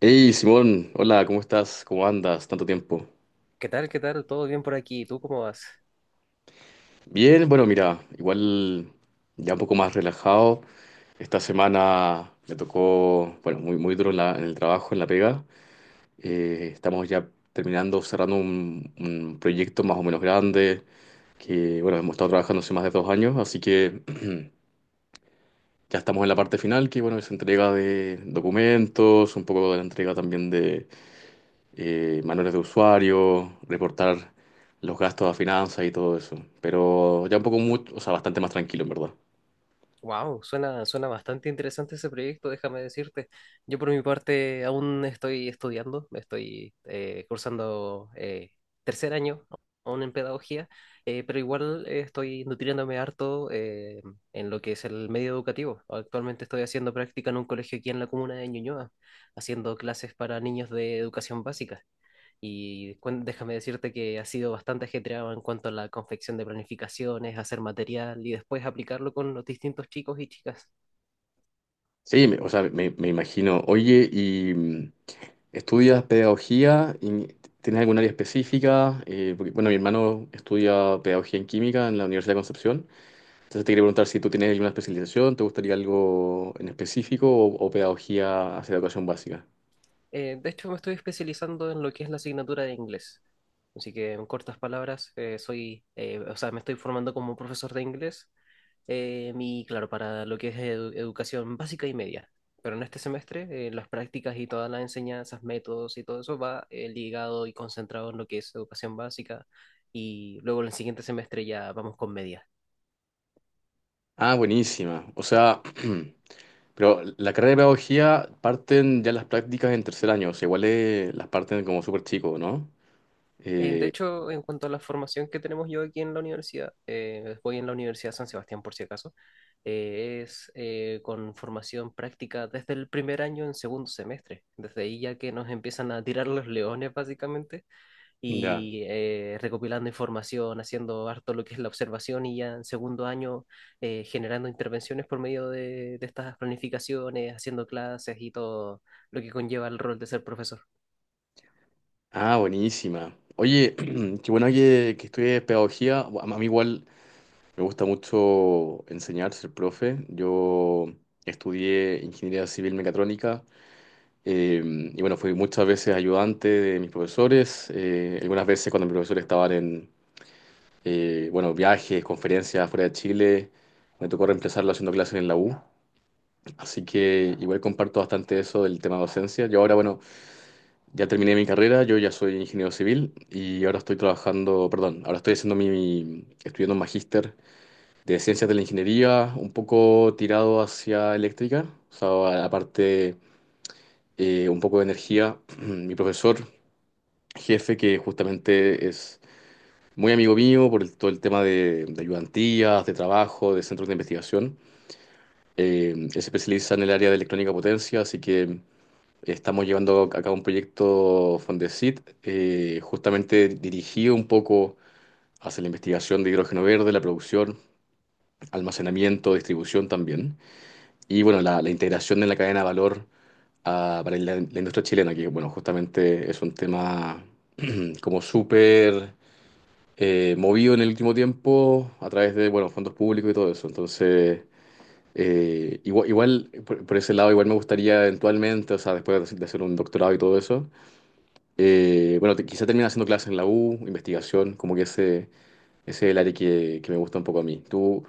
Hey Simón, hola, ¿cómo estás? ¿Cómo andas? Tanto tiempo. ¿Qué tal? ¿Qué tal? ¿Todo bien por aquí? ¿Tú cómo vas? Bien, bueno, mira, igual ya un poco más relajado. Esta semana me tocó, bueno, muy duro en en el trabajo, en la pega. Estamos ya terminando, cerrando un proyecto más o menos grande, que, bueno, hemos estado trabajando hace más de dos años, así que ya estamos en la parte final, que, bueno, es entrega de documentos, un poco de la entrega también manuales de usuario, reportar los gastos a finanzas y todo eso. Pero ya un poco mucho, o sea, bastante más tranquilo, en verdad. Wow, suena bastante interesante ese proyecto, déjame decirte. Yo por mi parte aún estoy estudiando, estoy cursando tercer año aún en pedagogía, pero igual estoy nutriéndome harto en lo que es el medio educativo. Actualmente estoy haciendo práctica en un colegio aquí en la comuna de Ñuñoa, haciendo clases para niños de educación básica. Y déjame decirte que ha sido bastante ajetreado en cuanto a la confección de planificaciones, hacer material y después aplicarlo con los distintos chicos y chicas. Sí, o sea, me imagino. Oye, ¿y estudias pedagogía? ¿Tienes algún área específica? Porque, bueno, mi hermano estudia pedagogía en química en la Universidad de Concepción. Entonces te quería preguntar si tú tienes alguna especialización, ¿te gustaría algo en específico o pedagogía hacia educación básica? De hecho, me estoy especializando en lo que es la asignatura de inglés. Así que, en cortas palabras, o sea, me estoy formando como profesor de inglés claro, para lo que es educación básica y media. Pero en este semestre, las prácticas y todas las enseñanzas, métodos y todo eso va ligado y concentrado en lo que es educación básica. Y luego en el siguiente semestre ya vamos con media. Ah, buenísima. O sea, pero la carrera de pedagogía parten ya las prácticas en tercer año, o sea, igual las parten como súper chico, ¿no? En- de Eh, hecho, en cuanto a la formación que tenemos yo aquí en la universidad, voy en la Universidad San Sebastián por si acaso, es con formación práctica desde el primer año en segundo semestre. Desde ahí ya que nos empiezan a tirar los leones básicamente ya. y recopilando información, haciendo harto lo que es la observación y ya en segundo año generando intervenciones por medio de estas planificaciones, haciendo clases y todo lo que conlleva el rol de ser profesor. Ah, buenísima. Oye, qué bueno que estudies pedagogía. A mí igual me gusta mucho enseñar, ser profe. Yo estudié ingeniería civil mecatrónica, y bueno, fui muchas veces ayudante de mis profesores, algunas veces cuando mis profesores estaban en bueno, viajes, conferencias fuera de Chile. Me tocó reemplazarlo haciendo clases en la U. Así que igual comparto bastante eso del tema docencia. Yo ahora, bueno, ya terminé mi carrera, yo ya soy ingeniero civil y ahora estoy trabajando, perdón, ahora estoy haciendo estudiando un magíster de ciencias de la ingeniería, un poco tirado hacia eléctrica, o sea, aparte un poco de energía. Mi profesor, jefe, que justamente es muy amigo mío por todo el tema de ayudantías, de trabajo, de centros de investigación. Él se especializa en el área de electrónica potencia, así que estamos llevando a cabo un proyecto Fondesit, justamente dirigido un poco hacia la investigación de hidrógeno verde, la producción, almacenamiento, distribución también. Y bueno, la integración en la cadena de valor, para la industria chilena, que bueno, justamente es un tema, como súper movido en el último tiempo a través de, bueno, fondos públicos y todo eso. Entonces, igual por ese lado, igual me gustaría eventualmente, o sea, después de hacer un doctorado y todo eso, bueno, quizá termine haciendo clases en la U, investigación, como que ese es el área que me gusta un poco a mí. ¿Tú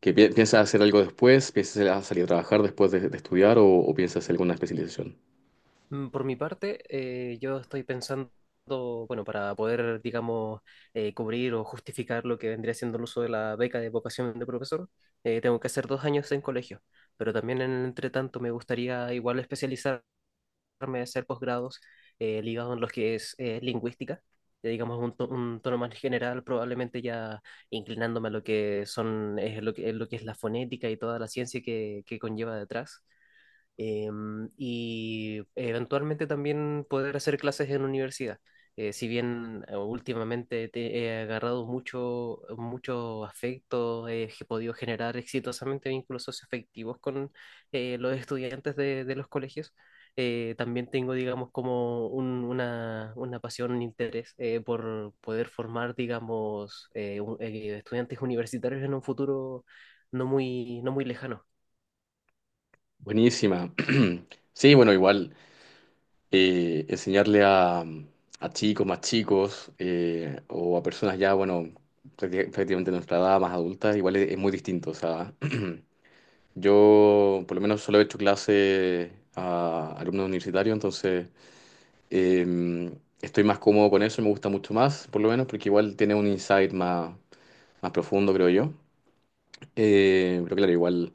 qué piensas hacer algo después? ¿Piensas a salir a trabajar después de estudiar o piensas hacer alguna especialización? Por mi parte, yo estoy pensando, bueno, para poder, digamos, cubrir o justificar lo que vendría siendo el uso de la beca de vocación de profesor, tengo que hacer dos años en colegio. Pero también en el entretanto me gustaría igual especializar de hacer posgrados ligados en los que es lingüística, digamos un, un tono más general, probablemente ya inclinándome a lo que son, es lo que es la fonética y toda la ciencia que conlleva detrás eh, y eventualmente también poder hacer clases en universidad. Si bien últimamente te he agarrado mucho afecto, he podido generar exitosamente vínculos socioafectivos con los estudiantes de los colegios, también tengo, digamos, como una pasión, un interés por poder formar, digamos, estudiantes universitarios en un futuro no muy lejano. Buenísima. Sí, bueno, igual. Enseñarle a chicos más chicos o a personas ya, bueno, prácticamente de nuestra edad, más adultas, igual es muy distinto. O sea, yo por lo menos solo he hecho clase a alumnos universitarios, entonces eh, estoy más cómodo con eso, me gusta mucho más, por lo menos, porque igual tiene un insight más, más profundo, creo yo. Pero claro, igual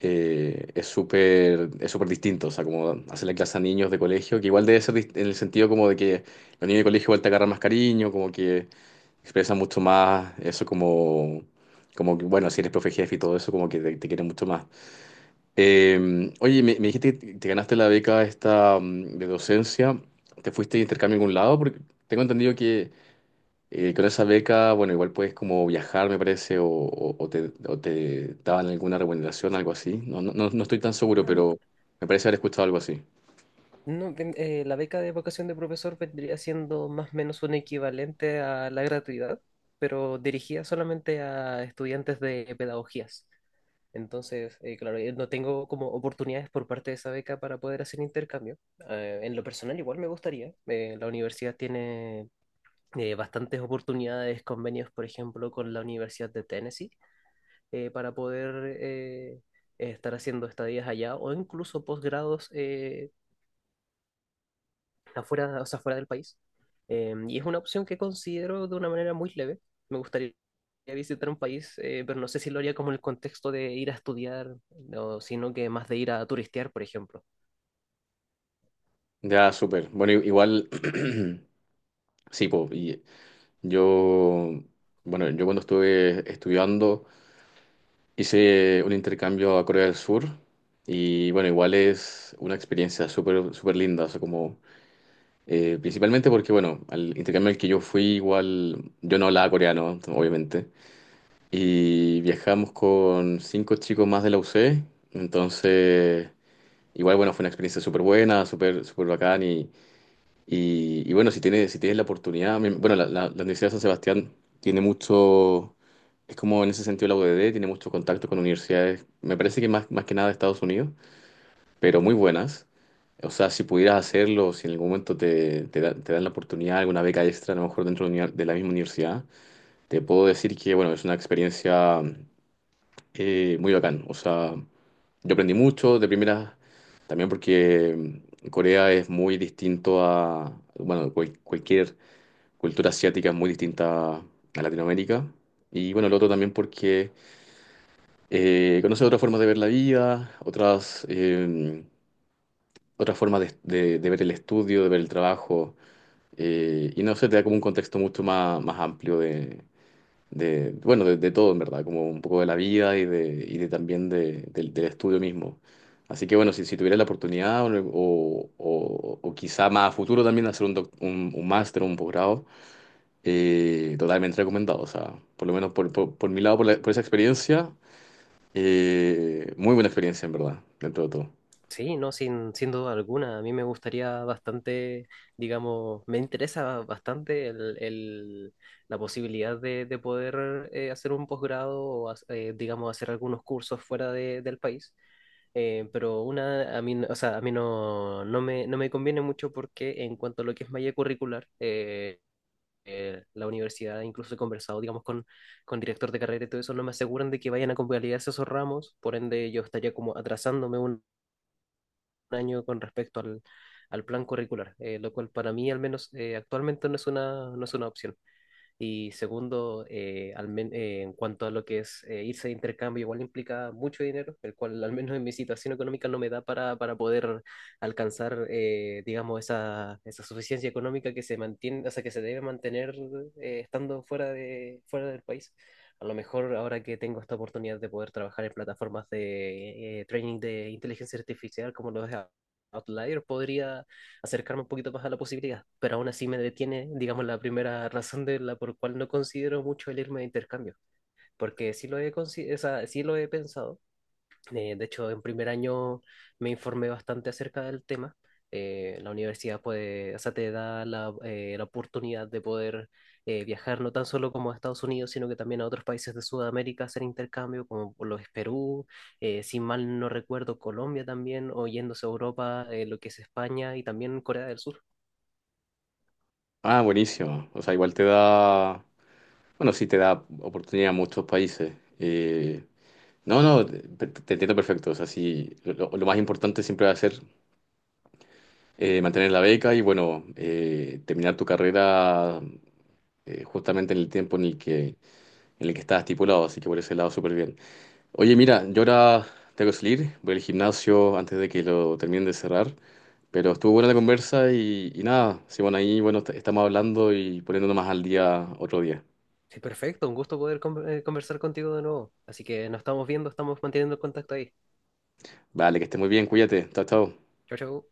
es súper distinto, o sea, como hacerle clase a niños de colegio, que igual debe ser en el sentido como de que los niños de colegio igual te agarran más cariño, como que expresan mucho más eso como, como que, bueno, si eres profe jefe y todo eso, como que te quieren mucho más. Oye, me dijiste que te ganaste la beca esta, de docencia, ¿te fuiste de intercambio a algún lado? Porque tengo entendido que con esa beca, bueno, igual puedes como viajar, me parece, o, o te daban alguna remuneración algo así. No, no, no estoy tan seguro, pero me parece haber escuchado algo así. No, la beca de vocación de profesor vendría siendo más o menos un equivalente a la gratuidad, pero dirigida solamente a estudiantes de pedagogías. Entonces, claro, no tengo como oportunidades por parte de esa beca para poder hacer intercambio. En lo personal, igual me gustaría. La universidad tiene bastantes oportunidades, convenios, por ejemplo, con la Universidad de Tennessee, para poder estar haciendo estadías allá o incluso posgrados está fuera, o sea, fuera del país. Y es una opción que considero de una manera muy leve. Me gustaría visitar un país, pero no sé si lo haría como en el contexto de ir a estudiar, o sino que más de ir a turistear, por ejemplo. Ya, súper. Bueno, igual, sí, po, y yo, bueno, yo cuando estuve estudiando hice un intercambio a Corea del Sur y bueno, igual es una experiencia súper linda, o sea, como, principalmente porque, bueno, al intercambio al que yo fui, igual, yo no hablaba coreano, obviamente. Y viajamos con cinco chicos más de la UC. Entonces, igual, bueno, fue una experiencia súper buena, súper bacán. Y bueno, si tienes la oportunidad, bueno, la Universidad de San Sebastián tiene mucho, es como en ese sentido la UDD, tiene mucho contacto con universidades, me parece que más, más que nada de Estados Unidos, pero muy buenas. O sea, si pudieras hacerlo, si en algún momento te dan la oportunidad, alguna beca extra, a lo mejor dentro de de la misma universidad, te puedo decir que, bueno, es una experiencia muy bacán. O sea, yo aprendí mucho de primera, también porque, Corea es muy distinto a, bueno, cualquier cultura asiática es muy distinta a Latinoamérica. Y bueno, lo otro también porque conoce otras formas de ver la vida, otras, otras formas de, de ver el estudio, de ver el trabajo. Y no sé, te da como un contexto mucho más, más amplio de, bueno, de todo en verdad, como un poco de la vida y de también de, del del estudio mismo. Así que bueno, si tuviera la oportunidad o, o quizá más a futuro también hacer un, un máster o un posgrado, totalmente recomendado. O sea, por lo menos por, por mi lado, por, por esa experiencia, muy buena experiencia en verdad, dentro de todo. Sí, no, sin duda alguna. A mí me gustaría bastante, digamos, me interesa bastante la posibilidad de poder hacer un posgrado o, digamos, hacer algunos cursos del país. Pero una, a mí, o sea, a mí no me conviene mucho porque en cuanto a lo que es malla curricular, la universidad, incluso he conversado, digamos, con director de carrera y todo eso, no me aseguran de que vayan a convalidarse esos ramos, por ende yo estaría como atrasándome año con respecto al plan curricular, lo cual para mí al menos actualmente no es no es una opción. Y segundo, en cuanto a lo que es irse de intercambio, igual implica mucho dinero, el cual al menos en mi situación económica no me da para poder alcanzar, digamos, esa suficiencia económica que se mantiene, o sea, que se debe mantener estando fuera del país. A lo mejor ahora que tengo esta oportunidad de poder trabajar en plataformas de training de inteligencia artificial como lo es Outlier, podría acercarme un poquito más a la posibilidad, pero aún así me detiene, digamos, la primera razón de la por cual no considero mucho el irme de intercambio, porque o sea, sí lo he pensado, de hecho en primer año me informé bastante acerca del tema, la universidad puede, o sea, te da la oportunidad de poder viajar no tan solo como a Estados Unidos, sino que también a otros países de Sudamérica hacer intercambio, como lo es Perú, si mal no recuerdo, Colombia también, o yéndose a Europa, lo que es España y también Corea del Sur. Ah, buenísimo. O sea, igual te da, bueno, sí te da oportunidad a muchos países. Eh, No, no, te- entiendo perfecto. O sea, sí, lo más importante siempre va a ser mantener la beca y, bueno, terminar tu carrera justamente en el tiempo en el que estás estipulado. Así que por ese lado, súper bien. Oye, mira, yo ahora tengo que salir, voy al gimnasio antes de que lo terminen de cerrar. Pero estuvo buena la conversa y nada, sí, bueno, ahí, bueno, estamos hablando y poniéndonos más al día otro día. Sí, perfecto. Un gusto poder conversar contigo de nuevo. Así que nos estamos viendo, estamos manteniendo el contacto ahí. Vale, que estés muy bien, cuídate. Chao, chao. Chau, chau.